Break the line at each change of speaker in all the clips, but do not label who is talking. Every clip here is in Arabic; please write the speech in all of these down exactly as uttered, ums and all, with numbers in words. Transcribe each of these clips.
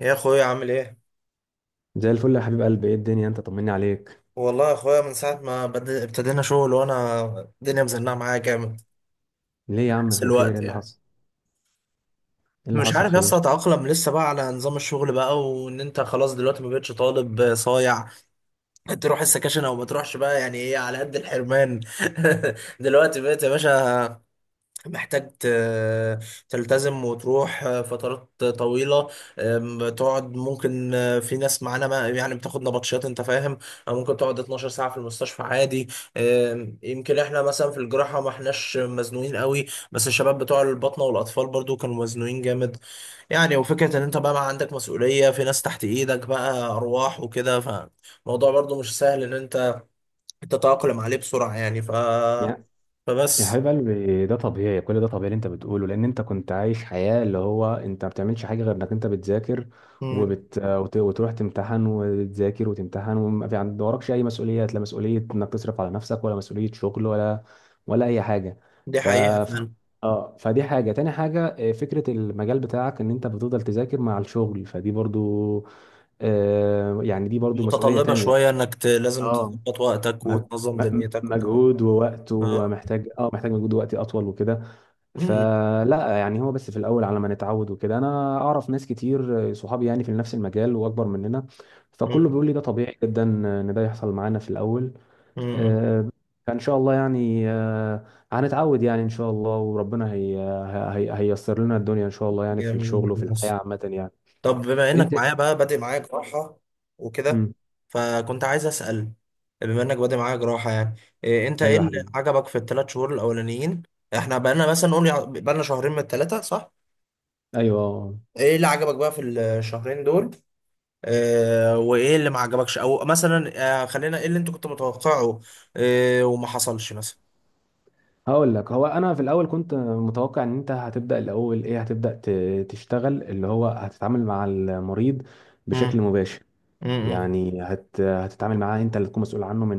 يا اخويا عامل ايه؟
زي الفل يا حبيب قلبي، ايه الدنيا؟ انت طمني عليك.
والله يا اخويا من ساعه ما بد- ابتدينا شغل وانا الدنيا مزنقه معايا جامد.
ليه يا عم،
حس
في خير؟
الوقت
ايه اللي
يعني.
حصل؟ ايه اللي
مش
حصل،
عارف يا اسطى
خير؟
اتاقلم لسه بقى على نظام الشغل بقى، وان انت خلاص دلوقتي ما بقتش طالب صايع. تروح السكاشن او ما تروحش بقى، يعني ايه على قد الحرمان. دلوقتي بقيت يا باشا محتاج ت- تلتزم وتروح فترات طويلة. أم، تقعد ممكن، أه، في ناس معانا ما يعني بتاخد نبطشات، انت فاهم، أو ممكن تقعد اتناشر ساعة في المستشفى عادي. أم، يمكن احنا مثلا في الجراحة ما احناش مزنوقين قوي، بس الشباب بتوع الباطنة والأطفال برضو كانوا مزنوقين جامد. يعني وفكرة ان انت بقى ما عندك مسؤولية، في ناس تحت ايدك بقى أرواح وكده، فالموضوع برضو مش سهل ان انت تتأقلم عليه بسرعة. يعني ف
يا
فبس
حبيب قلبي، ده طبيعي. كل ده طبيعي اللي انت بتقوله، لان انت كنت عايش حياة اللي هو انت ما بتعملش حاجة غير انك انت بتذاكر
مم.
وبت... وت... وتروح تمتحن وتذاكر وتمتحن، وما في عند وراكش اي مسؤوليات. لا مسؤولية انك تصرف على نفسك، ولا مسؤولية شغل، ولا ولا اي حاجة.
دي
ف...
حقيقة
ف...
فعلا.
اه فدي حاجة. تاني حاجة، اه، فكرة المجال بتاعك ان انت بتفضل تذاكر مع الشغل، فدي برضو آه يعني، دي برضو مسؤولية
متطلبة شوية
تانية.
انك ت... لازم
اه
تظبط وقتك
م-
وتنظم
م-
دنيتك وكده.
مجهود ووقت،
اه.
ومحتاج، اه محتاج مجهود ووقت اطول وكده.
مم.
فلا يعني، هو بس في الاول على ما نتعود وكده. انا اعرف ناس كتير، صحابي يعني، في نفس المجال واكبر مننا، فكله
مم.
بيقول لي ده طبيعي جدا ان ده يحصل معانا في الاول.
مم.
آه، فان شاء الله يعني، آه، هنتعود يعني ان شاء الله، وربنا هي هي هييسر لنا الدنيا ان شاء الله، يعني في الشغل وفي
جميل.
الحياة
بس
عامة يعني.
طب بما انك
انت.
معايا بقى بادئ معايا جراحة وكده،
امم
فكنت عايز اسأل، بما انك بادئ معايا جراحة يعني، إيه انت ايه
ايوه يا
اللي
حبيبي.
عجبك في الثلاث شهور الاولانيين؟ احنا بقالنا مثلا نقول يع- بقالنا شهرين من الثلاثة، صح؟
ايوه، آه، آه.
ايه اللي عجبك بقى في الشهرين دول؟ آه، وايه اللي ما عجبكش او مثلا، آه، خلينا، ايه اللي انت كنت متوقعه، آه، وما حصلش مثلا.
هقول لك، هو انا في الاول كنت متوقع ان انت هتبدا الاول ايه، هتبدا ت- تشتغل، اللي هو هتتعامل مع المريض بشكل مباشر.
امم.
يعني هت هتتعامل معاه، انت اللي تكون مسؤول عنه من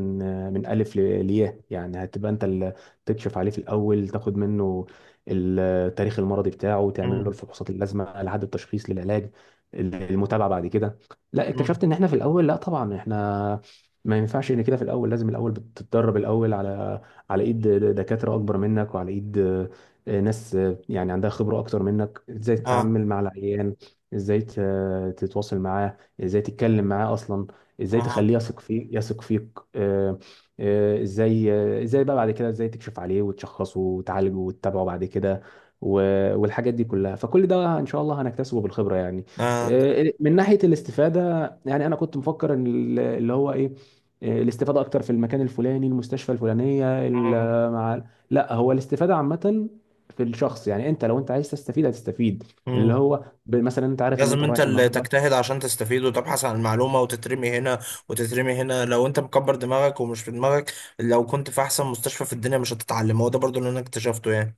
من الف ل- لياء. يعني هتبقى انت اللي تكشف عليه في الاول، تاخد منه التاريخ المرضي بتاعه، تعمل له
امم.
الفحوصات اللازمه لحد التشخيص، للعلاج، المتابعه بعد كده. لا،
امم.
اكتشفت ان احنا في الاول، لا طبعا احنا ما ينفعش ان كده في الاول. لازم الاول بتتدرب الاول على على ايد دكاتره اكبر منك، وعلى ايد آه، ناس آه، يعني عندها خبره اكتر منك، ازاي
اه.
تتعامل مع العيان، ازاي ت- تتواصل معاه، ازاي تتكلم معاه اصلا،
اه.
ازاي
آه.
تخليه يثق فيك يثق فيك آه، آه، ازاي آه، ازاي بقى بعد كده ازاي تكشف عليه وتشخصه وتعالجه وتتابعه بعد كده و- والحاجات دي كلها. فكل ده ان شاء الله هنكتسبه بالخبرة يعني. آه، من ناحية الاستفادة، يعني انا كنت مفكر ان ال- اللي هو ايه، آه، الاستفادة اكتر في المكان الفلاني، المستشفى الفلانية،
أمم.
ال- مع لا، هو الاستفادة عامة في الشخص. يعني انت لو انت عايز تستفيد هتستفيد، اللي
أمم.
هو ب- مثلا انت عارف ان
لازم
انت
انت
رايح
اللي
النهارده.
تجتهد عشان تستفيد وتبحث عن المعلومة، وتترمي هنا وتترمي هنا. لو انت مكبر دماغك ومش في دماغك، لو كنت في احسن مستشفى في الدنيا، مش هتتعلم. هو ده برضو اللي انا اكتشفته يعني.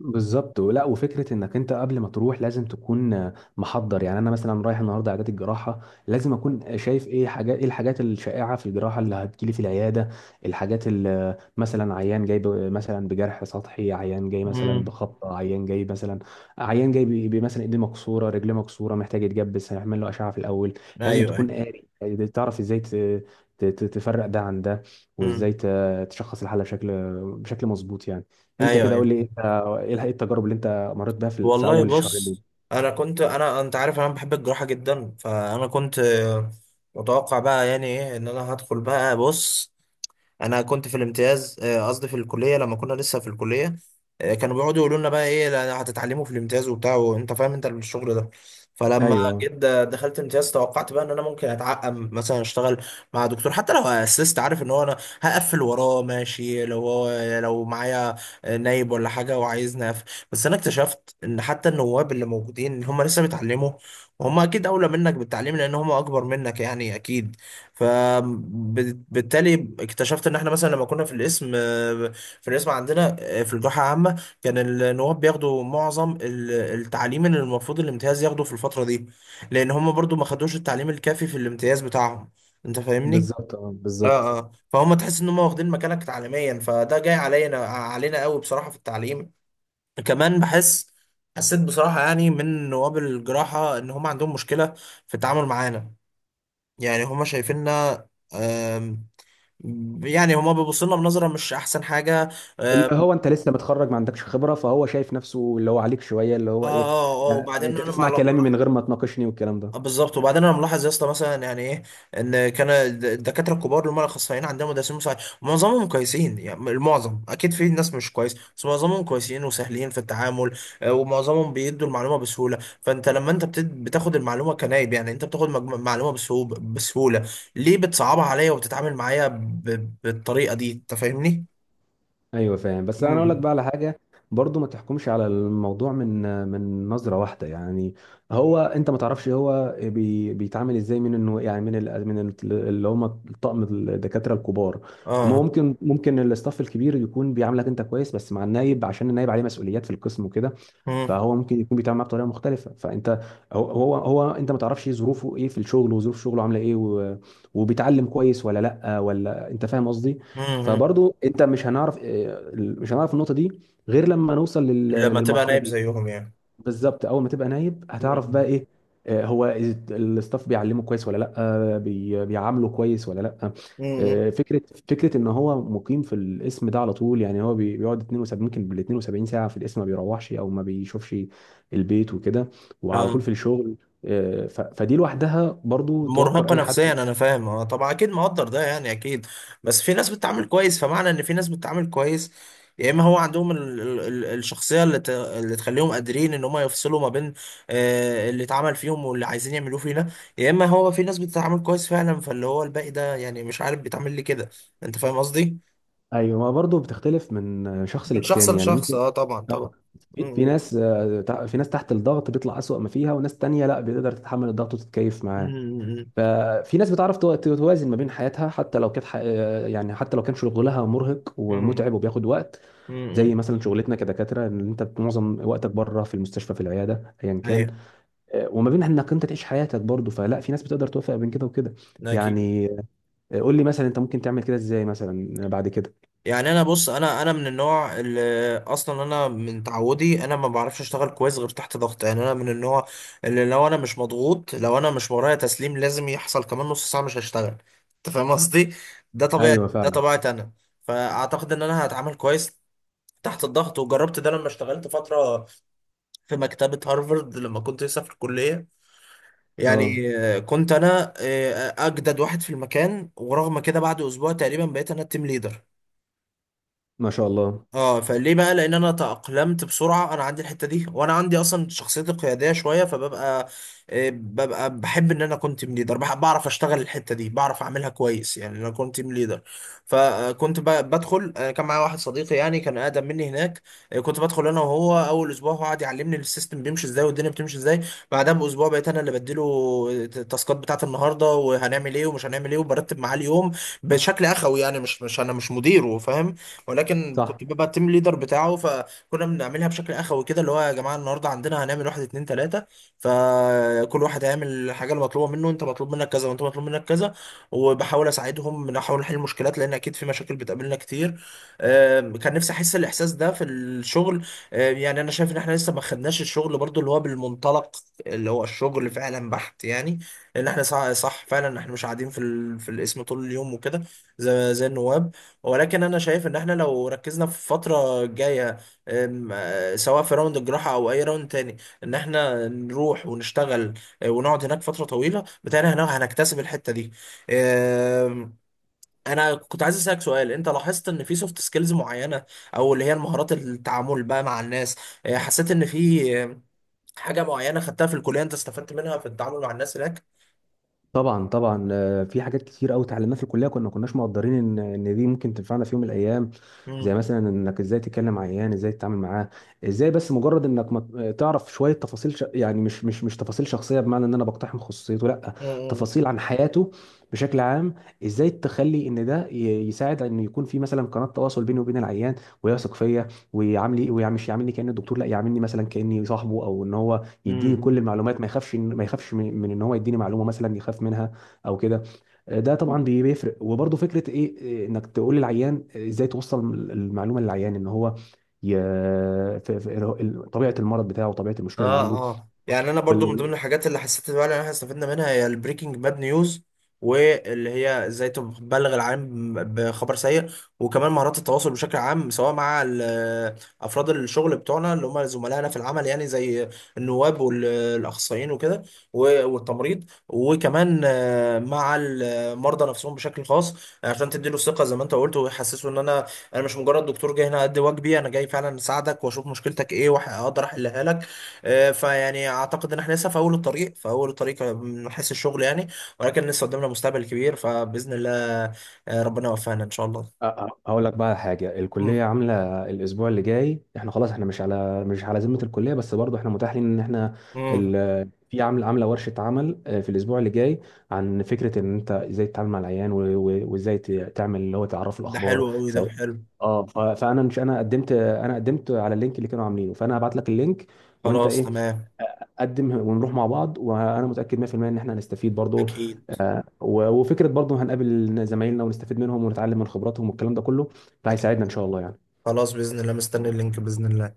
بالظبط. ولا وفكره انك انت قبل ما تروح لازم تكون آه، محضر. يعني انا مثلا رايح النهارده عياده الجراحه، لازم اكون شايف ايه حاجات، ايه الحاجات الشائعه في الجراحه اللي هتجيلي في العياده. الحاجات اللي مثلا عيان جاي ب- مثلا بجرح سطحي، عيان جاي مثلا
امم.
بخبطه، عيان جاي مثلا، عيان جاي ب- ب- مثلا ايديه مكسوره، رجليه مكسوره، محتاج يتجبس، هيعمل له اشعه في الاول. لازم
ايوه. ايوه.
تكون قاري يعني، تعرف ازاي ت- ت- ت- تفرق ده عن ده، وازاي
امم.
ت- تشخص الحاله بشكل، بشكل مظبوط يعني. انت
ايوه.
كده
ايوه.
قول لي، انت ايه إيه التجارب اللي انت مريت بيها في في
والله
اول شهرين دول؟
بص، انا كنت انا انت عارف انا بحب الجراحة جدا، فانا كنت، آه، متوقع بقى يعني ايه ان انا هدخل بقى. بص، انا كنت في الامتياز، آه، قصدي في الكليه، لما كنا لسه في الكليه، آه، كانوا بيقعدوا يقولوا لنا بقى ايه، لا، هتتعلموا في الامتياز وبتاع، وانت فاهم انت الشغل ده. فلما
ايوه،
جيت د- دخلت امتياز توقعت بقى ان انا ممكن اتعقم مثلا، اشتغل مع دكتور حتى لو اسست، عارف ان هو انا هقفل وراه ماشي، لو هو لو معايا نايب ولا حاجه وعايزني اقفل. بس انا اكتشفت ان حتى النواب اللي موجودين هم لسه بيتعلموا، وهم اكيد اولى منك بالتعليم لان هم اكبر منك يعني اكيد. فبالتالي اكتشفت ان احنا مثلا لما كنا في القسم، آه، في القسم عندنا، آه، في الجامعه عامه، كان النواب بياخدوا معظم ال- التعليم اللي المفروض الامتياز ياخده في الفتره دي، لان هم برضو ما خدوش التعليم الكافي في الامتياز بتاعهم. انت فاهمني؟
بالظبط. اه، بالظبط.
اه. اه. فهم تحس ان هم واخدين مكانك تعليميا، فده جاي علينا علينا قوي بصراحه في التعليم. كمان بحس، حسيت بصراحه يعني من نواب الجراحه ان هم عندهم مشكله في التعامل معانا. يعني هم شايفيننا، يعني هما بيبصوا لنا بنظره مش احسن حاجه. اه.
اللي
اه.
هو انت لسه متخرج، ما عندكش خبره، فهو شايف نفسه اللي هو عليك شويه، اللي
اه.
هو ايه.
آه،
لا،
وبعدين
انت
انا مع
تسمع كلامي
مع-
من غير ما تناقشني والكلام ده.
آه، بالظبط. وبعدين انا ملاحظ يا اسطى مثلا، يعني ايه، ان كان الد- الدكاتره الكبار اللي هم الاخصائيين عندنا، مدرسين مساعد، معظمهم كويسين. يعني المعظم، اكيد في ناس مش كويس، بس معظمهم كويسين وسهلين في التعامل، آه، ومعظمهم بيدوا المعلومه بسهوله. فانت لما انت بتد- بتاخد المعلومه كنايب، يعني انت بتاخد مجم- معلومه بسهوله بسهوله، ليه بتصعبها عليا وبتتعامل معايا ب- بالطريقه دي؟ انت فاهمني؟
ايوه فاهم، بس انا اقول لك
امم.
بقى على حاجه. برضو ما تحكمش على الموضوع من من نظره واحده يعني. هو انت ما تعرفش هو بي بيتعامل ازاي، من انه يعني، من ال من ال- اللي هم طقم الدكاتره الكبار. ما
اه.
ممكن ممكن الاستاف الكبير يكون بيعاملك انت كويس، بس مع النايب، عشان النايب عليه مسؤوليات في القسم وكده،
مم.
فهو ممكن يكون بيتعامل معاه بطريقه مختلفه. فانت، هو هو هو انت ما تعرفش ظروفه ايه في الشغل، وظروف شغله عامله ايه، و- وبيتعلم كويس ولا لا، ولا انت فاهم قصدي.
امم.
فبرضو انت مش هنعرف، اه، ال- مش هنعرف النقطه دي غير لما نوصل لل-
لما تبقى
للمرحله
نايم
دي.
زيهم يعني.
بالظبط. اول ما تبقى نايب هتعرف بقى
امم.
ايه، اه، هو ال- الستاف بيعلمه كويس ولا لا، اه، بي- بيعامله كويس ولا لا.
امم.
اه، فكره فكره ان هو مقيم في الاسم ده على طول، يعني هو بي- بيقعد اثنين وسبعين، ممكن بال اثنين وسبعين ساعه في الاسم ما بيروحش او ما بيشوفش البيت وكده، وعلى طول
آه.
في الشغل. اه، ف- فدي لوحدها برضو توتر
مرهقة
اي حد.
نفسيا، انا فاهم. اه طبعا، اكيد مقدر ده يعني، اكيد. بس في ناس بتتعامل كويس. فمعنى ان في ناس بتتعامل كويس، يا اما هو عندهم ال ال ال الشخصية اللي, ت اللي تخليهم قادرين ان هم يفصلوا ما بين، آه اللي اتعمل فيهم واللي عايزين يعملوه فينا. يا اما هو في ناس بتتعامل كويس فعلا، فاللي هو الباقي ده يعني مش عارف بيتعامل ليه كده. انت فاهم قصدي؟
ايوه، ما برضه بتختلف من شخص
من شخص
للتاني يعني،
لشخص.
ممكن.
اه طبعا
اه
طبعا.
في في
امم.
ناس، آه، تع- في ناس تحت الضغط بيطلع أسوأ ما فيها، وناس تانية لا، بتقدر تتحمل الضغط وتتكيف معاه.
امم.
ففي ناس بتعرف تو- توازن ما بين حياتها، حتى لو كانت ح- آه، يعني حتى لو كان شغلها مرهق
امم.
ومتعب وبياخد وقت،
امم. أمم.
زي مثلا شغلتنا كدكاترة ان انت معظم وقتك بره في المستشفى، في العيادة، ايا كان،
أيوه.
آه، وما بين انك انت تعيش حياتك برضه. فلا، في ناس بتقدر توفق بين كده وكده
اكيد.
يعني. آه، قول لي مثلا، انت ممكن تعمل كده ازاي مثلا بعد كده؟
يعني انا بص، انا انا من النوع اللي اصلا، انا من تعودي انا ما بعرفش اشتغل كويس غير تحت ضغط. يعني انا من النوع اللي، لو انا مش مضغوط، لو انا مش ورايا تسليم لازم يحصل كمان نص ساعه، مش هشتغل. انت فاهم قصدي. ده طبيعي،
ايوه
ده
فعلا.
طبيعتي انا. فاعتقد ان انا هتعامل كويس تحت الضغط. وجربت ده لما اشتغلت فتره في مكتبه هارفارد لما كنت لسه في الكليه.
اه،
يعني، آه، كنت انا آه، اجدد واحد في المكان، ورغم كده بعد اسبوع تقريبا بقيت انا التيم ليدر.
ما شاء الله.
اه، فليه بقى؟ لان انا تأقلمت بسرعه، انا عندي الحته دي، وانا عندي اصلا شخصيتي قياديه شويه، فببقى، آه، ببقى بحب ان انا كنت تيم ليدر، بعرف اشتغل الحته دي، بعرف اعملها كويس. يعني انا كنت تيم ليدر، فكنت ب- بدخل، آه، كان معايا واحد صديقي، يعني كان اقدم مني هناك. آه، كنت بدخل انا وهو اول اسبوع، هو قعد يعلمني السيستم بيمشي ازاي والدنيا بتمشي ازاي. بعدها باسبوع بقيت انا اللي بديله، آه، التاسكات بتاعت النهارده وهنعمل ايه ومش هنعمل ايه، وبرتب معاه اليوم بشكل اخوي. يعني مش مش انا مش مديره، فاهم، ولكن
صح.
كنت ببقى التيم ليدر بتاعه. فكنا بنعملها بشكل اخوي كده، اللي هو يا جماعه النهارده عندنا هنعمل واحد اتنين تلاته، فكل واحد هيعمل الحاجه المطلوبه منه، انت مطلوب منك كذا وانت مطلوب منك كذا. وبحاول اساعدهم، بنحاول نحل المشكلات لان اكيد في مشاكل بتقابلنا كتير. آم، كان نفسي احس الاحساس ده في الشغل. آم، يعني انا شايف ان احنا لسه ما خدناش الشغل برضو اللي هو بالمنطلق، اللي هو الشغل فعلا بحت يعني. لان احنا صح، صح فعلا احنا مش قاعدين في ال... في القسم طول اليوم وكده، زي زي النواب. ولكن انا شايف ان احنا لو ركزنا في الفتره الجايه، أم، آه، سواء في راوند الجراحه او اي راوند تاني، ان احنا نروح ونشتغل، آه، ونقعد هناك فتره طويله بتاعنا هنا، هنكتسب الحته دي. أم، انا كنت عايز اسالك سؤال، انت لاحظت ان في سوفت سكيلز معينه، او اللي هي المهارات التعامل بقى مع الناس، آه، حسيت ان في آه، حاجه معينه خدتها في الكليه انت استفدت منها في التعامل مع الناس هناك؟
طبعا، طبعا. آه، في حاجات كتير قوي اتعلمناها في الكليه، كنا ما كناش مقدرين ان ان دي ممكن تنفعنا في يوم من الايام. زي مثلا انك ازاي تتكلم مع عيان، ازاي تتعامل معاه، ازاي، بس مجرد انك ما تعرف شويه تفاصيل، ش... يعني مش مش مش تفاصيل شخصيه، بمعنى ان انا بقتحم خصوصيته، لا،
امم.
تفاصيل عن حياته بشكل عام. ازاي تخلي ان ده ي- يساعد ان يكون في مثلا قناه تواصل بيني وبين العيان، ويثق فيا، ويعاملي ويعمل، مش يعاملني كاني الدكتور، لا، يعاملني مثلا كاني صاحبه، او ان هو يديني كل
امم.
المعلومات، ما يخافش ما يخافش من من ان هو يديني معلومه مثلا يخاف منها او كده. ده طبعا بي- بيفرق. وبرضه فكره ايه إيه، انك تقول للعيان ازاي توصل المعلومه للعيان ان هو ي... في في- طبيعه المرض بتاعه وطبيعه المشكله اللي
اه. اه. يعني انا برضو من
عنده.
ضمن الحاجات اللي حسيت فعلا ان احنا استفدنا منها هي البريكنج باد نيوز، واللي هي ازاي تبلغ العالم بخبر سيء. وكمان مهارات التواصل بشكل عام، سواء مع ال- افراد الشغل بتوعنا اللي هم زملائنا في العمل، يعني زي النواب والاخصائيين وكده، و- والتمريض، وكمان، آه، مع المرضى نفسهم بشكل خاص، عشان تديله الثقه زي ما انت قلت، ويحسسه ان انا، انا مش مجرد دكتور جاي هنا ادي واجبي، انا جاي فعلا اساعدك واشوف مشكلتك ايه واقدر احلها لك. آه، فيعني اعتقد ان احنا لسه في اول الطريق، في اول الطريق من حيث الشغل يعني، ولكن لسه قدامنا مستقبل كبير، فباذن الله، آه، ربنا يوفقنا ان شاء
أ-
الله.
أ- هقول لك بقى حاجه. الكليه
مم.
عامله الاسبوع اللي جاي، احنا خلاص، احنا مش على، مش على ذمه الكليه، بس برضو احنا متاح لنا ان احنا
مم.
ال... في، عامله عامله ورشه عمل آه، في الاسبوع اللي جاي عن فكره ان انت ازاي تتعامل مع العيان، و... و... وازاي ت- تعمل، اللي هو تعرف
ده حلو
الاخبار
قوي، ده
سواء.
حلو.
اه ف... فانا مش، انا قدمت انا قدمت على اللينك اللي كانوا عاملينه. فانا هبعت لك اللينك، وانت
خلاص
ايه؟
تمام.
قدم ونروح مع بعض. وانا متاكد مية في المية ان احنا هنستفيد برضو،
اكيد.
آه، و- وفكره برضو هنقابل زمايلنا ونستفيد منهم ونتعلم من خبراتهم والكلام ده كله،
اكيد.
فهيساعدنا ان شاء الله يعني.
خلاص باذن الله، مستني اللينك باذن الله.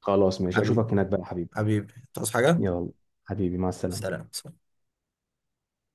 خلاص ماشي،
حبيبي.
اشوفك هناك بقى يا حبيبي.
حبيبي تصحى حاجه؟
يلا حبيبي، مع السلامه.
سلام.